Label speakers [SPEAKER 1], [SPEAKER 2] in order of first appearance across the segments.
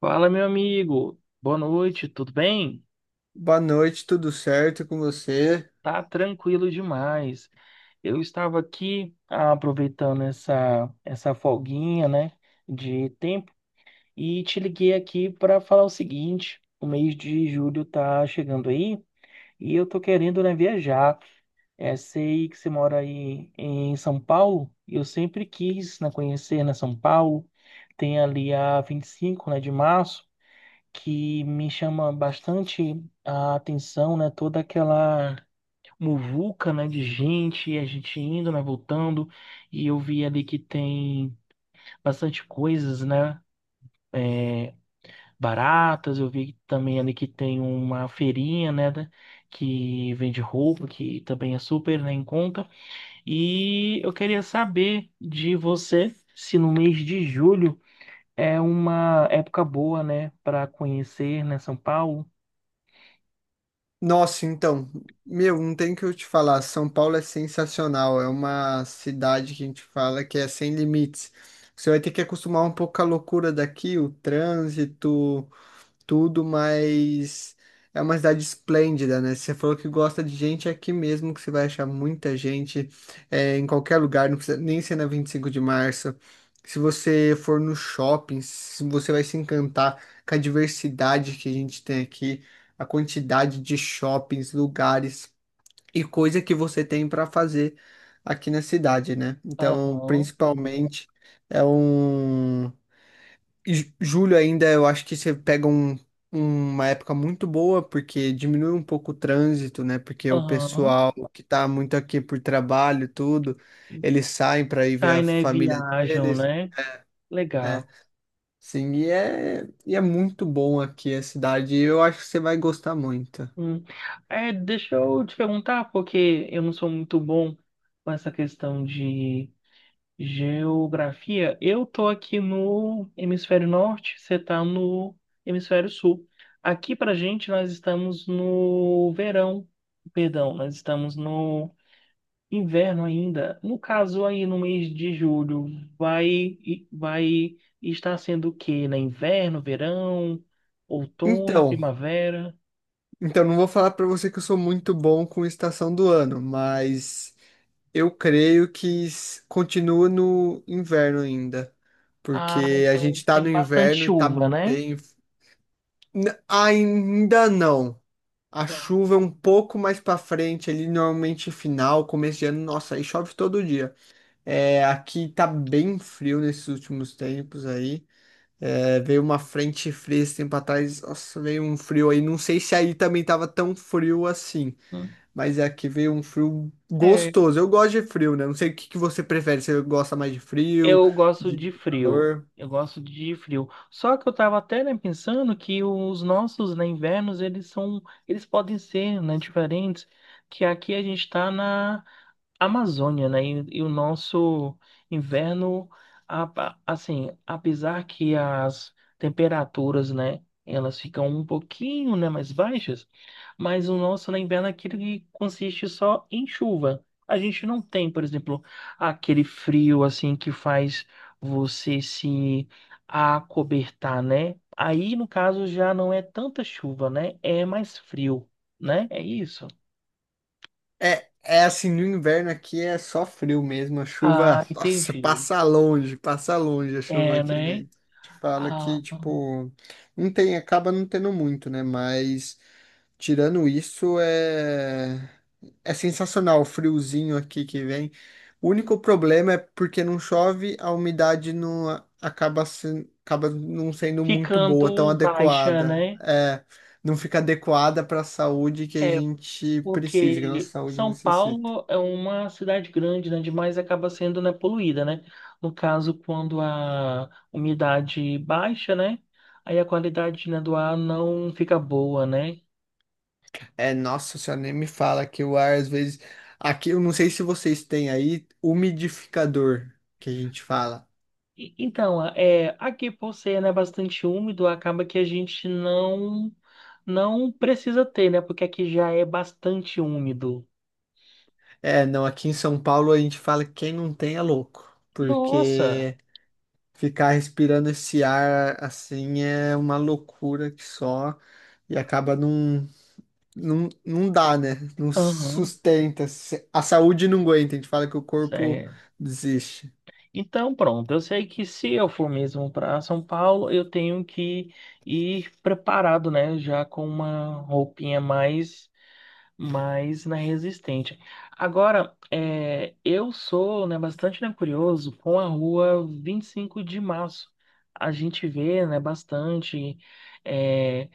[SPEAKER 1] Fala, meu amigo. Boa noite, tudo bem?
[SPEAKER 2] Boa noite, tudo certo com você?
[SPEAKER 1] Tá tranquilo demais. Eu estava aqui aproveitando essa folguinha, né, de tempo e te liguei aqui para falar o seguinte: o mês de julho tá chegando aí e eu tô querendo, né, viajar. É, sei que você mora aí em São Paulo e eu sempre quis, né, conhecer, né, São Paulo. Tem ali a 25, né, de março. Que me chama bastante a atenção, né? Toda aquela muvuca, né, de gente, a gente indo, né, voltando, e eu vi ali que tem bastante coisas, né, é, baratas. Eu vi também ali que tem uma feirinha, né, que vende roupa, que também é super, né, em conta, e eu queria saber de você se no mês de julho é uma época boa, né, para conhecer, né, São Paulo.
[SPEAKER 2] Nossa, então, meu, não tem o que eu te falar. São Paulo é sensacional. É uma cidade que a gente fala que é sem limites. Você vai ter que acostumar um pouco com a loucura daqui, o trânsito, tudo, mas é uma cidade esplêndida, né? Se você falou que gosta de gente, é aqui mesmo que você vai achar muita gente, é, em qualquer lugar, não precisa nem ser na 25 de Março. Se você for no shopping, você vai se encantar com a diversidade que a gente tem aqui, a quantidade de shoppings, lugares e coisa que você tem para fazer aqui na cidade, né? Então,
[SPEAKER 1] Aham,
[SPEAKER 2] principalmente, é um. E julho ainda, eu acho que você pega um, uma época muito boa, porque diminui um pouco o trânsito, né? Porque o
[SPEAKER 1] aham.
[SPEAKER 2] pessoal que tá muito aqui por trabalho, e tudo, eles saem para ir ver
[SPEAKER 1] Sai,
[SPEAKER 2] a
[SPEAKER 1] né?
[SPEAKER 2] família
[SPEAKER 1] Viajam,
[SPEAKER 2] deles,
[SPEAKER 1] né?
[SPEAKER 2] né?
[SPEAKER 1] Legal.
[SPEAKER 2] Sim, e é muito bom aqui a cidade, e eu acho que você vai gostar muito.
[SPEAKER 1] Hum. É, deixa eu te perguntar, porque eu não sou muito bom com essa questão de geografia. Eu tô aqui no hemisfério norte, você tá no hemisfério sul. Aqui pra gente, nós estamos no verão. Perdão, nós estamos no inverno ainda. No caso, aí no mês de julho, vai, vai estar sendo o quê? Né? Inverno, verão, outono,
[SPEAKER 2] Então,
[SPEAKER 1] primavera?
[SPEAKER 2] então não vou falar para você que eu sou muito bom com estação do ano, mas eu creio que continua no inverno ainda,
[SPEAKER 1] Ah,
[SPEAKER 2] porque a gente
[SPEAKER 1] então
[SPEAKER 2] tá no
[SPEAKER 1] tem bastante
[SPEAKER 2] inverno e tá
[SPEAKER 1] chuva, né?
[SPEAKER 2] bem. Ainda não. A chuva é um pouco mais pra frente, ali normalmente final, começo de ano, nossa, aí chove todo dia. É, aqui tá bem frio nesses últimos tempos aí. É, veio uma frente fria esse tempo atrás, nossa, veio um frio aí. Não sei se aí também tava tão frio assim.
[SPEAKER 1] Hum.
[SPEAKER 2] Mas é aqui veio um frio
[SPEAKER 1] É,
[SPEAKER 2] gostoso. Eu gosto de frio, né? Não sei o que que você prefere. Você gosta mais de frio,
[SPEAKER 1] eu gosto
[SPEAKER 2] de
[SPEAKER 1] de frio.
[SPEAKER 2] calor?
[SPEAKER 1] Eu gosto de frio. Só que eu tava até, né, pensando que os nossos, né, invernos, eles são, eles podem ser, né, diferentes, que aqui a gente tá na Amazônia, né? E o nosso inverno, a- assim, apesar que as temperaturas, né, elas ficam um pouquinho, né, mais baixas, mas o nosso na inverno é aquele que consiste só em chuva. A gente não tem, por exemplo, aquele frio assim que faz você se acobertar, né? Aí, no caso, já não é tanta chuva, né? É mais frio, né? É isso.
[SPEAKER 2] É, é assim, no inverno aqui é só frio mesmo. A chuva,
[SPEAKER 1] Ah,
[SPEAKER 2] nossa,
[SPEAKER 1] entendi.
[SPEAKER 2] passa longe a chuva
[SPEAKER 1] É,
[SPEAKER 2] aqui,
[SPEAKER 1] né?
[SPEAKER 2] né? Te fala
[SPEAKER 1] Ah,
[SPEAKER 2] que, tipo, não tem, acaba não tendo muito, né? Mas tirando isso, é... é sensacional o friozinho aqui que vem. O único problema é porque não chove, a umidade não acaba, acaba não sendo muito boa, tão
[SPEAKER 1] ficando baixa,
[SPEAKER 2] adequada.
[SPEAKER 1] né?
[SPEAKER 2] É, não fica adequada para a saúde que a
[SPEAKER 1] É,
[SPEAKER 2] gente precisa, que a nossa
[SPEAKER 1] porque
[SPEAKER 2] saúde
[SPEAKER 1] São
[SPEAKER 2] necessita.
[SPEAKER 1] Paulo é uma cidade grande, né? Demais acaba sendo, né, poluída, né? No caso, quando a umidade baixa, né? Aí a qualidade, né, do ar não fica boa, né?
[SPEAKER 2] É, nossa senhora, nem me fala que o ar às vezes. Aqui, eu não sei se vocês têm aí umidificador, que a gente fala.
[SPEAKER 1] Então, é, aqui por ser, né, bastante úmido, acaba que a gente não precisa ter, né? Porque aqui já é bastante úmido.
[SPEAKER 2] É, não, aqui em São Paulo a gente fala que quem não tem é louco,
[SPEAKER 1] Nossa!
[SPEAKER 2] porque ficar respirando esse ar assim é uma loucura que só e acaba não, não, não dá, né? Não
[SPEAKER 1] Aham.
[SPEAKER 2] sustenta, a saúde não aguenta, a gente fala que o corpo desiste.
[SPEAKER 1] Então, pronto, eu sei que se eu for mesmo para São Paulo, eu tenho que ir preparado, né? Já com uma roupinha mais mas na resistente. Agora, é, eu sou, né, bastante, né, curioso com a rua 25 de março. A gente vê, né, bastante é,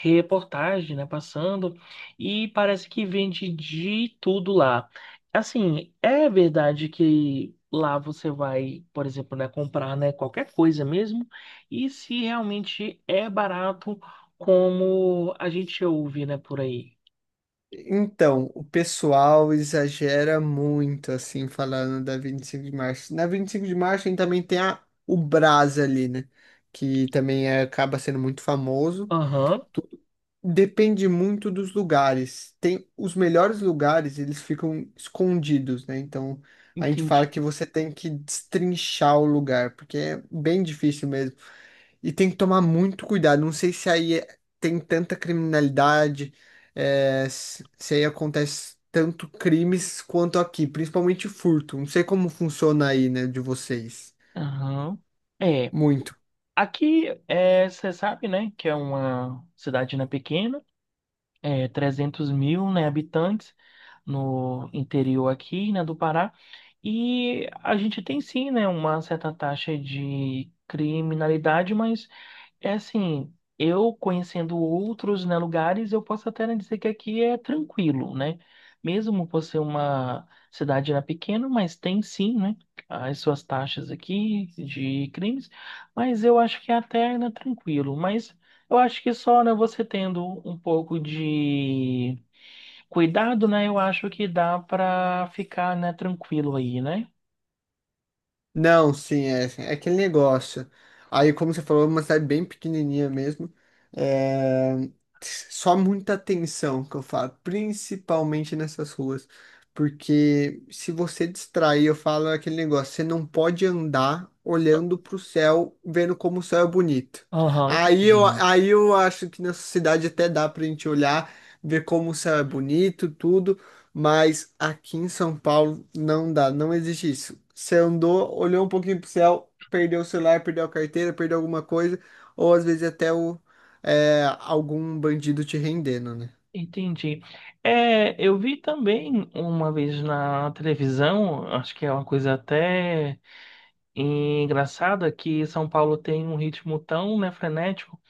[SPEAKER 1] reportagem, né, passando e parece que vende de tudo lá. Assim, é verdade que lá você vai, por exemplo, né, comprar, né, qualquer coisa mesmo e se realmente é barato como a gente ouve, né, por aí.
[SPEAKER 2] Então, o pessoal exagera muito, assim, falando da 25 de Março. Na 25 de março a gente também tem a, o Brás ali, né? Que também acaba sendo muito famoso.
[SPEAKER 1] Aham.
[SPEAKER 2] Tudo depende muito dos lugares. Tem os melhores lugares, eles ficam escondidos, né? Então a gente fala
[SPEAKER 1] Entendi.
[SPEAKER 2] que você tem que destrinchar o lugar, porque é bem difícil mesmo. E tem que tomar muito cuidado. Não sei se aí tem tanta criminalidade, é, se aí acontece tanto crimes quanto aqui, principalmente furto. Não sei como funciona aí, né, de vocês.
[SPEAKER 1] Aham. É,
[SPEAKER 2] Muito.
[SPEAKER 1] aqui é, você sabe, né, que é uma cidade né, pequena, é 300 mil, né, habitantes no interior aqui, né, do Pará, e a gente tem sim, né, uma certa taxa de criminalidade, mas é assim, eu conhecendo outros, né, lugares, eu posso até né, dizer que aqui é tranquilo, né? Mesmo por ser uma cidade né, pequena, mas tem sim, né, as suas taxas aqui de crimes, mas eu acho que é até né, tranquilo. Mas eu acho que só, né, você tendo um pouco de cuidado, né, eu acho que dá para ficar, né, tranquilo aí, né?
[SPEAKER 2] Não, sim, é, é aquele negócio. Aí, como você falou, é uma cidade bem pequenininha mesmo. É... só muita atenção que eu falo, principalmente nessas ruas. Porque se você distrair, eu falo aquele negócio, você não pode andar olhando pro céu, vendo como o céu é bonito.
[SPEAKER 1] Aham,
[SPEAKER 2] Aí eu,
[SPEAKER 1] entendi.
[SPEAKER 2] aí eu acho que nessa cidade até dá pra gente olhar, ver como o céu é bonito, tudo. Mas aqui em São Paulo não dá, não existe isso. Você andou, olhou um pouquinho pro céu, perdeu o celular, perdeu a carteira, perdeu alguma coisa, ou às vezes até o, é, algum bandido te rendendo, né?
[SPEAKER 1] Entendi. É, eu vi também uma vez na televisão, acho que é uma coisa até. E engraçado é que São Paulo tem um ritmo tão, né, frenético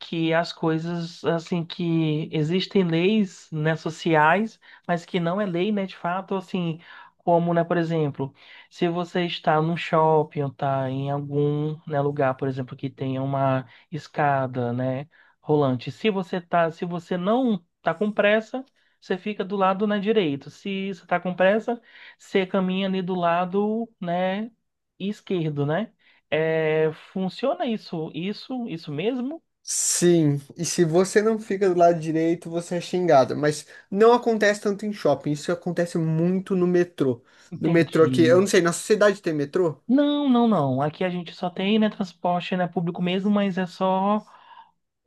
[SPEAKER 1] que as coisas, assim, que existem leis, né, sociais, mas que não é lei, né, de fato, assim, como, né, por exemplo, se você está num shopping ou está em algum, né, lugar, por exemplo, que tenha uma escada, né, rolante, se você tá, se você não tá com pressa, você fica do lado, né, direito. Se você tá com pressa, você caminha ali do lado, né, esquerdo, né? É, funciona isso, isso, isso mesmo?
[SPEAKER 2] Sim, e se você não fica do lado direito, você é xingado. Mas não acontece tanto em shopping, isso acontece muito no metrô. No metrô aqui, eu
[SPEAKER 1] Entendi.
[SPEAKER 2] não sei, na sociedade tem metrô?
[SPEAKER 1] Não, não, não. Aqui a gente só tem, né, transporte, né, público mesmo, mas é só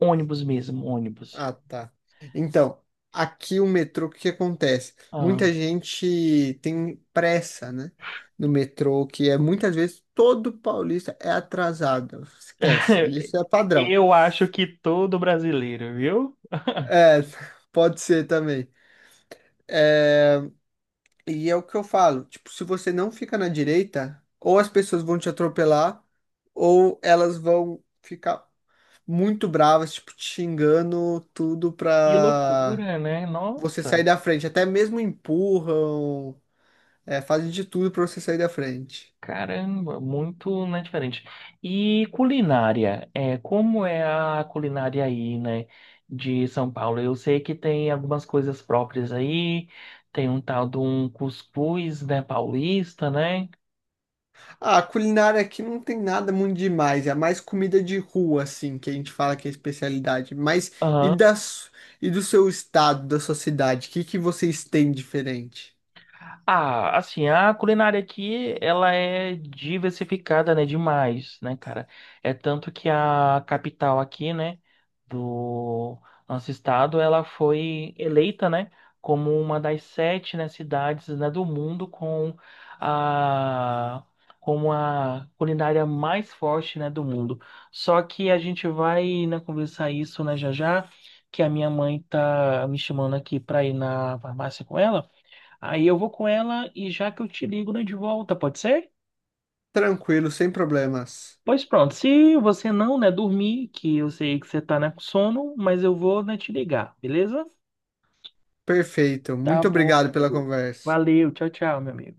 [SPEAKER 1] ônibus mesmo, ônibus.
[SPEAKER 2] Ah, tá. Então, aqui o metrô, o que que acontece?
[SPEAKER 1] Ah.
[SPEAKER 2] Muita gente tem pressa, né? No metrô, que é muitas vezes todo paulista é atrasado. Esquece, isso é padrão.
[SPEAKER 1] Eu acho que todo brasileiro, viu?
[SPEAKER 2] É, pode ser também. E é o que eu falo, tipo, se você não fica na direita, ou as pessoas vão te atropelar, ou elas vão ficar muito bravas, tipo, te xingando tudo
[SPEAKER 1] Que
[SPEAKER 2] pra
[SPEAKER 1] loucura, né?
[SPEAKER 2] você sair
[SPEAKER 1] Nossa.
[SPEAKER 2] da frente. Até mesmo empurram. É, fazem de tudo pra você sair da frente.
[SPEAKER 1] Caramba, muito, né, diferente. E culinária, é, como é a culinária aí, né, de São Paulo? Eu sei que tem algumas coisas próprias aí, tem um tal de um cuscuz, né, paulista, né?
[SPEAKER 2] Ah, a culinária aqui não tem nada muito demais. É mais comida de rua, assim, que a gente fala que é especialidade. Mas e
[SPEAKER 1] Aham.
[SPEAKER 2] das, e do seu estado, da sua cidade? O que que vocês têm diferente?
[SPEAKER 1] Ah, assim, a culinária aqui, ela é diversificada, né, demais, né, cara? É tanto que a capital aqui, né, do nosso estado, ela foi eleita, né, como uma das sete, né, cidades, né, do mundo com a como a culinária mais forte, né, do mundo. Só que a gente vai, né, conversar isso, né, já já, que a minha mãe tá me chamando aqui para ir na farmácia com ela. Aí eu vou com ela e já que eu te ligo, né, de volta, pode ser?
[SPEAKER 2] Tranquilo, sem problemas.
[SPEAKER 1] Pois pronto, se você não, né, dormir, que eu sei que você tá, né, com sono, mas eu vou, né, te ligar, beleza?
[SPEAKER 2] Perfeito.
[SPEAKER 1] Tá
[SPEAKER 2] Muito
[SPEAKER 1] bom, meu
[SPEAKER 2] obrigado pela
[SPEAKER 1] amigo.
[SPEAKER 2] conversa.
[SPEAKER 1] Valeu, tchau, tchau, meu amigo.